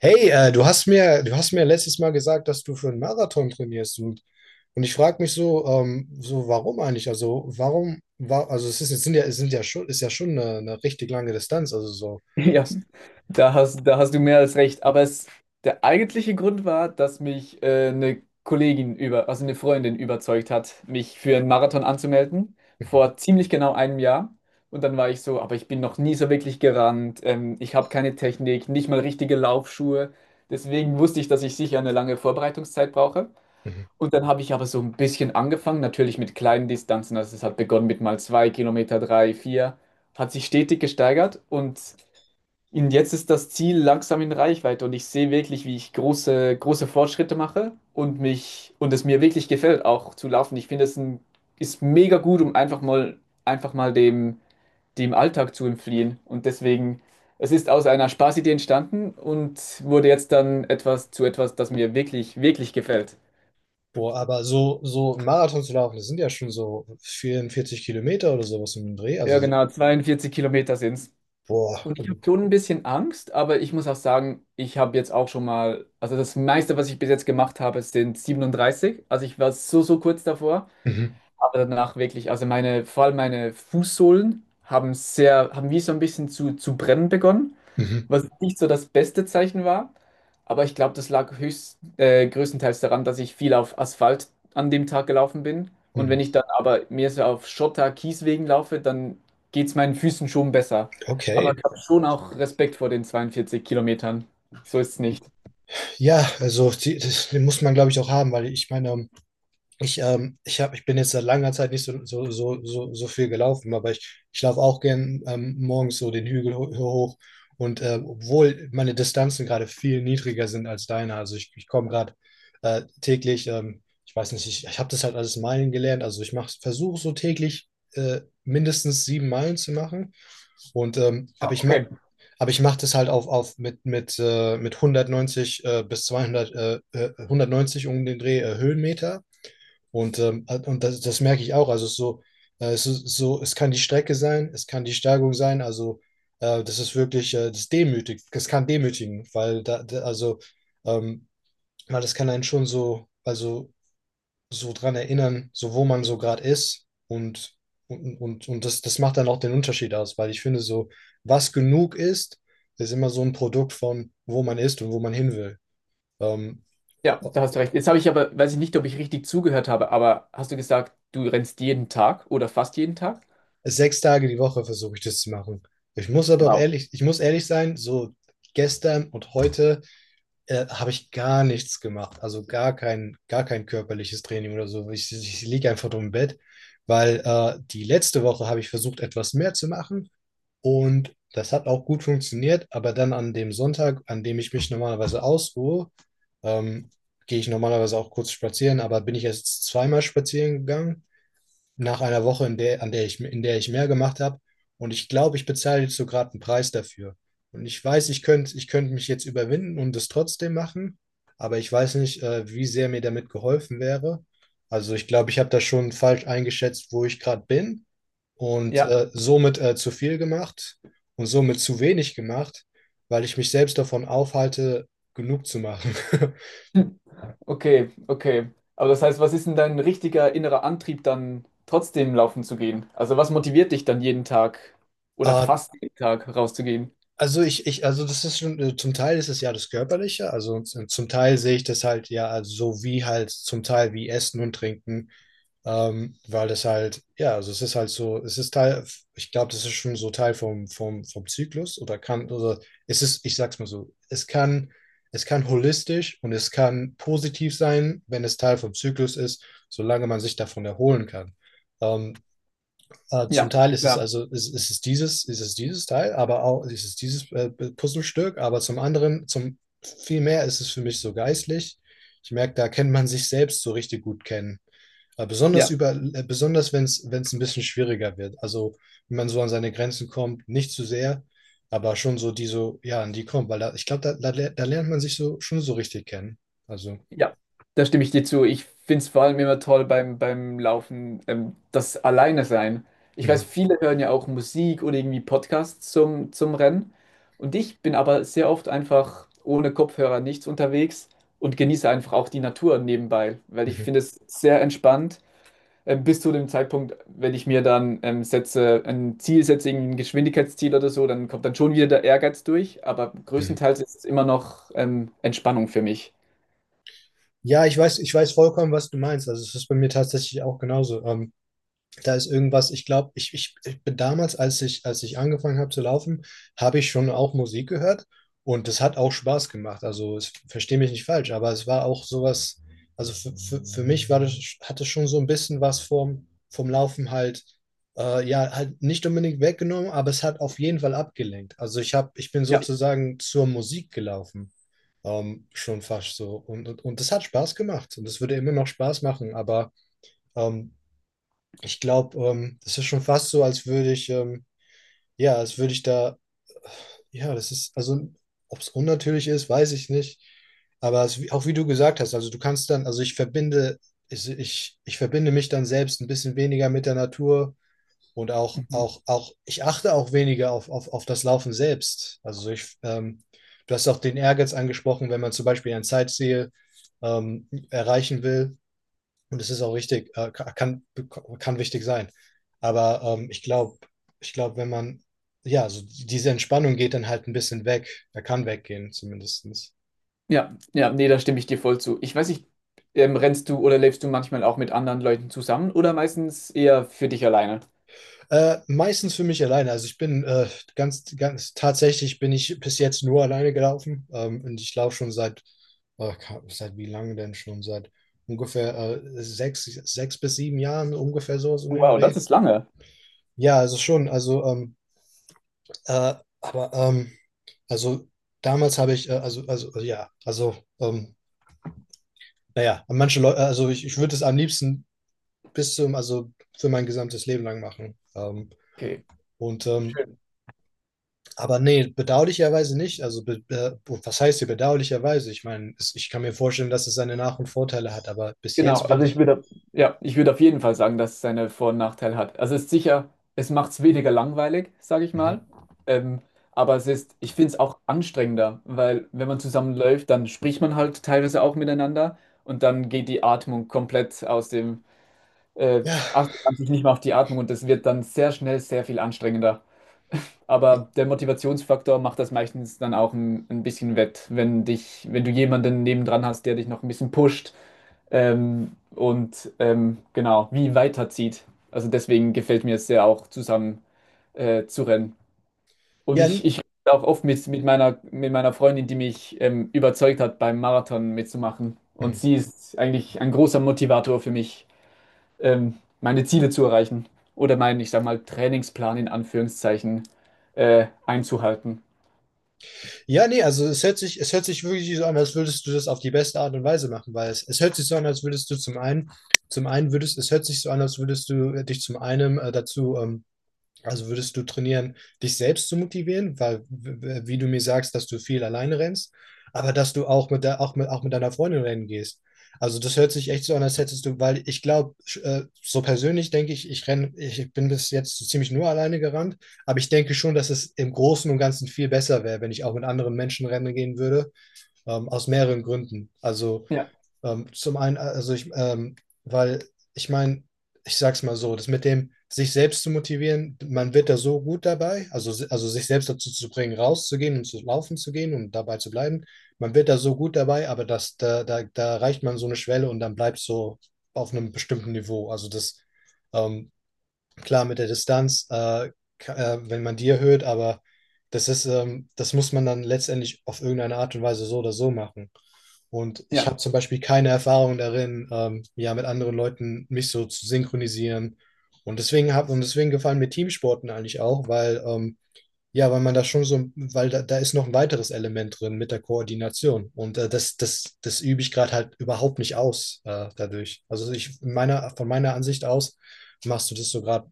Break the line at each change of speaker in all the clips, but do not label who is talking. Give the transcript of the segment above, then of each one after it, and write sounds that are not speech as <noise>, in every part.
Hey, du hast mir letztes Mal gesagt, dass du für einen Marathon trainierst, und ich frage mich so, so warum eigentlich? Also warum war, also es ist, es sind ja schon, ist ja schon eine richtig lange Distanz, also so.
<laughs> Ja, da hast du mehr als recht. Aber es, der eigentliche Grund war, dass mich eine Kollegin über, also eine Freundin überzeugt hat, mich für einen Marathon anzumelden, vor ziemlich genau einem Jahr. Und dann war ich so, aber ich bin noch nie so wirklich gerannt. Ich habe keine Technik, nicht mal richtige Laufschuhe. Deswegen wusste ich, dass ich sicher eine lange Vorbereitungszeit brauche.
Mhm.
Und dann habe ich aber so ein bisschen angefangen, natürlich mit kleinen Distanzen. Also es hat begonnen mit mal zwei Kilometer, drei, vier, hat sich stetig gesteigert und jetzt ist das Ziel langsam in Reichweite und ich sehe wirklich, wie ich große, große Fortschritte mache und mich und es mir wirklich gefällt, auch zu laufen. Ich finde, es ist ein, ist mega gut, um einfach mal dem Alltag zu entfliehen. Und deswegen, es ist aus einer Spaßidee entstanden und wurde jetzt dann etwas zu etwas, das mir wirklich, wirklich gefällt.
Boah, aber so einen Marathon zu laufen, das sind ja schon so 44 Kilometer oder sowas im Dreh.
Ja,
Also
genau, 42 Kilometer sind es.
boah.
Und ich habe schon ein bisschen Angst, aber ich muss auch sagen, ich habe jetzt auch schon mal, also das meiste, was ich bis jetzt gemacht habe, sind 37. Also ich war so, so kurz davor,
Mhm.
aber danach wirklich, also meine, vor allem meine Fußsohlen haben sehr, haben wie so ein bisschen zu brennen begonnen,
Mhm.
was nicht so das beste Zeichen war. Aber ich glaube, das lag höchst, größtenteils daran, dass ich viel auf Asphalt an dem Tag gelaufen bin. Und
Mhm.
wenn ich dann aber mehr so auf Schotter, Kieswegen laufe, dann geht es meinen Füßen schon besser. Aber
Okay.
ich habe schon auch Respekt vor den 42 Kilometern. So ist es nicht.
Ja, also die, das, den muss man, glaube ich, auch haben, weil ich meine. Ich, ich hab, ich bin jetzt seit langer Zeit nicht so viel gelaufen, aber ich laufe auch gern, morgens so den Hügel ho hoch. Und obwohl meine Distanzen gerade viel niedriger sind als deine, also ich komme gerade, täglich, ich weiß nicht, ich habe das halt alles Meilen gelernt. Also ich mache, versuche so täglich mindestens 7 Meilen zu machen. Und aber
Ah,
ich mache
okay.
aber ich mache das halt mit 190 bis 200, 190 um den Dreh, Höhenmeter. Und das merke ich auch. Also es ist so, es ist so, es kann die Strecke sein, es kann die Steigung sein. Also das ist wirklich, das demütigt, das kann demütigen, weil da, da also, ähm, weil das kann einen schon so, also so dran erinnern, so wo man so gerade ist, und und das macht dann auch den Unterschied aus, weil ich finde, so, was genug ist, ist immer so ein Produkt von, wo man ist und wo man hin will. Ähm,
Ja, da hast du recht. Jetzt habe ich aber, weiß ich nicht, ob ich richtig zugehört habe, aber hast du gesagt, du rennst jeden Tag oder fast jeden Tag?
6 Tage die Woche versuche ich das zu machen. Ich muss aber auch
Wow.
ehrlich, ich muss ehrlich sein, so, gestern und heute habe ich gar nichts gemacht. Also gar kein körperliches Training oder so. Ich liege einfach nur im Bett, weil die letzte Woche habe ich versucht, etwas mehr zu machen, und das hat auch gut funktioniert. Aber dann an dem Sonntag, an dem ich mich normalerweise ausruhe, ähm, gehe ich normalerweise auch kurz spazieren, aber bin ich jetzt zweimal spazieren gegangen nach einer Woche, in der, an der ich, in der ich mehr gemacht habe. Und ich glaube, ich bezahle jetzt so gerade einen Preis dafür. Und ich weiß, ich könnte mich jetzt überwinden und es trotzdem machen, aber ich weiß nicht, wie sehr mir damit geholfen wäre. Also ich glaube, ich habe da schon falsch eingeschätzt, wo ich gerade bin, und
Ja.
somit zu viel gemacht und somit zu wenig gemacht, weil ich mich selbst davon aufhalte, genug zu machen. <laughs>
Okay, okay. Aber das heißt, was ist denn dein richtiger innerer Antrieb dann trotzdem laufen zu gehen? Also was motiviert dich dann jeden Tag oder
Ah,
fast jeden Tag rauszugehen?
also also das ist schon, zum Teil ist es ja das Körperliche, also zum Teil sehe ich das halt ja, also so wie halt zum Teil wie Essen und Trinken, weil das halt, ja, also es ist halt so, es ist Teil, ich glaube, das ist schon so Teil vom Zyklus oder kann, oder es ist, ich sag's mal so, es kann holistisch und es kann positiv sein, wenn es Teil vom Zyklus ist, solange man sich davon erholen kann. Ähm, Zum
Ja,
Teil ist es,
klar,
also ist, ist es dieses Teil, aber auch ist es dieses, Puzzlestück, aber zum anderen, zum vielmehr ist es für mich so geistlich. Ich merke, da kennt man sich selbst so richtig gut kennen. Besonders
ja,
über, besonders wenn es ein bisschen schwieriger wird. Also wenn man so an seine Grenzen kommt, nicht zu sehr, aber schon so die so, ja, an die kommt, weil da, ich glaube, da lernt man sich so schon so richtig kennen. Also.
ja. Da stimme ich dir zu. Ich finde es vor allem immer toll beim, beim Laufen, das Alleine sein. Ich weiß,
Mhm,
viele hören ja auch Musik oder irgendwie Podcasts zum, zum Rennen. Und ich bin aber sehr oft einfach ohne Kopfhörer nichts unterwegs und genieße einfach auch die Natur nebenbei, weil ich
mhm,
finde es sehr entspannt, bis zu dem Zeitpunkt, wenn ich mir dann ein Ziel setze, irgendwie ein Geschwindigkeitsziel oder so, dann kommt dann schon wieder der Ehrgeiz durch, aber
mhm.
größtenteils ist es immer noch Entspannung für mich.
Ja, ich weiß vollkommen, was du meinst. Also es ist bei mir tatsächlich auch genauso. Da ist irgendwas, ich glaube, ich bin damals, als ich angefangen habe zu laufen, habe ich schon auch Musik gehört, und das hat auch Spaß gemacht. Also verstehe mich nicht falsch, aber es war auch sowas, also für mich war das, hat es schon so ein bisschen was vom Laufen halt, ja, halt nicht unbedingt weggenommen, aber es hat auf jeden Fall abgelenkt. Also ich habe, ich bin
Ja.
sozusagen zur Musik gelaufen. Schon fast so. Und das hat Spaß gemacht. Und das würde immer noch Spaß machen, aber ähm, ich glaube, das ist schon fast so, als würde ich, ja, als würde ich da, ja, das ist, also ob es unnatürlich ist, weiß ich nicht. Aber es, auch wie du gesagt hast, also du kannst dann, also ich verbinde mich dann selbst ein bisschen weniger mit der Natur, und auch,
Mhm.
ich achte auch weniger auf das Laufen selbst. Also du hast auch den Ehrgeiz angesprochen, wenn man zum Beispiel ein Zeitziel erreichen will, und es ist auch richtig, kann wichtig sein. Aber ich glaube, wenn man, ja, so diese Entspannung geht dann halt ein bisschen weg. Er kann weggehen, zumindest.
Ja, ja, nee, da stimme ich dir voll zu. Ich weiß nicht, rennst du oder lebst du manchmal auch mit anderen Leuten zusammen oder meistens eher für dich alleine?
Meistens für mich alleine. Also ich bin, tatsächlich bin ich bis jetzt nur alleine gelaufen. Und ich laufe schon äh, seit wie lange denn schon? Seit ungefähr sechs bis sieben Jahren, ungefähr so in den
Wow, das
Dreh.
ist lange.
Ja, also schon, also, äh, aber, also damals habe ich, also, ja, also, naja, manche Leute, also ich würde es am liebsten bis zum, also für mein gesamtes Leben lang machen.
Okay.
Und ähm,
Schön.
aber nee, bedauerlicherweise nicht. Also, be was heißt hier bedauerlicherweise? Ich meine, es, ich kann mir vorstellen, dass es seine Nach- und Vorteile hat, aber bis
Genau,
jetzt bin
also ich
ich.
würde, ja, ich würde auf jeden Fall sagen, dass es seine Vor- und Nachteile hat. Also es ist sicher, es macht es weniger langweilig, sage ich mal.
Mhm.
Ähm, aber es ist, ich finde es auch anstrengender, weil wenn man zusammenläuft, dann spricht man halt teilweise auch miteinander und dann geht die Atmung komplett aus dem, äh,
Ja.
achtet man sich nicht mehr auf die Atmung und das wird dann sehr schnell sehr viel anstrengender. <laughs> Aber der Motivationsfaktor macht das meistens dann auch ein bisschen wett, wenn dich, wenn du jemanden nebendran hast, der dich noch ein bisschen pusht, genau, wie weiterzieht. Also deswegen gefällt mir es sehr auch zusammen zu rennen. Und
Ja.
ich, ich rede auch oft mit meiner Freundin, die mich überzeugt hat, beim Marathon mitzumachen. Und
Mhm.
sie ist eigentlich ein großer Motivator für mich, meine Ziele zu erreichen oder meinen, ich sag mal, Trainingsplan in Anführungszeichen einzuhalten.
Ja, nee, also es hört sich wirklich so an, als würdest du das auf die beste Art und Weise machen, weil es hört sich so an, als würdest du zum einen würdest, es hört sich so an, als würdest du, dich zum einen, dazu, also würdest du trainieren, dich selbst zu motivieren, weil, wie du mir sagst, dass du viel alleine rennst, aber dass du auch mit, de auch mit deiner Freundin rennen gehst. Also das hört sich echt so an, als hättest du, weil ich glaube, so persönlich denke ich, ich renne, ich bin bis jetzt so ziemlich nur alleine gerannt, aber ich denke schon, dass es im Großen und Ganzen viel besser wäre, wenn ich auch mit anderen Menschen rennen gehen würde, aus mehreren Gründen. Also
Ja,
zum einen, also weil ich meine, ich sag's mal so, das mit dem sich selbst zu motivieren, man wird da so gut dabei, also, also sich selbst dazu zu bringen, rauszugehen und zu laufen zu gehen und dabei zu bleiben, man wird da so gut dabei, aber da erreicht man so eine Schwelle und dann bleibt so auf einem bestimmten Niveau. Also ähm, klar, mit der Distanz, wenn man die erhöht, aber das ist, das muss man dann letztendlich auf irgendeine Art und Weise so oder so machen. Und ich
ja.
habe zum Beispiel keine Erfahrung darin, ja, mit anderen Leuten mich so zu synchronisieren. Und deswegen hab, und deswegen gefallen mir Teamsporten eigentlich auch, weil, ja, weil man da schon so, weil da ist noch ein weiteres Element drin mit der Koordination. Und das übe ich gerade halt überhaupt nicht aus, dadurch. Also ich meiner, von meiner Ansicht aus machst du das so gerade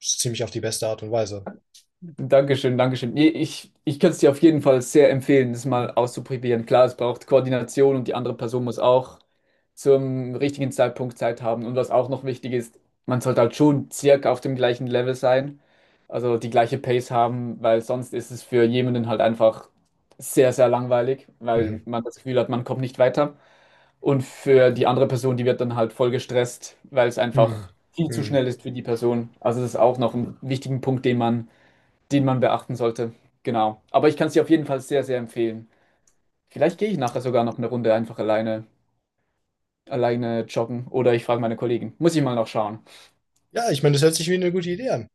ziemlich auf die beste Art und Weise.
Dankeschön, Dankeschön. Nee, ich könnte es dir auf jeden Fall sehr empfehlen, das mal auszuprobieren. Klar, es braucht Koordination und die andere Person muss auch zum richtigen Zeitpunkt Zeit haben. Und was auch noch wichtig ist, man sollte halt schon circa auf dem gleichen Level sein, also die gleiche Pace haben, weil sonst ist es für jemanden halt einfach sehr, sehr langweilig, weil
Mhm.
man das Gefühl hat, man kommt nicht weiter. Und für die andere Person, die wird dann halt voll gestresst, weil es einfach
Mhm.
viel zu
Mhm.
schnell ist für die Person. Also das ist auch noch ein wichtigen Punkt, den man beachten sollte. Genau. Aber ich kann es dir auf jeden Fall sehr, sehr empfehlen. Vielleicht gehe ich nachher sogar noch eine Runde einfach alleine, alleine joggen oder ich frage meine Kollegen. Muss ich mal noch schauen.
Ja, ich meine, das hört sich wie eine gute Idee an.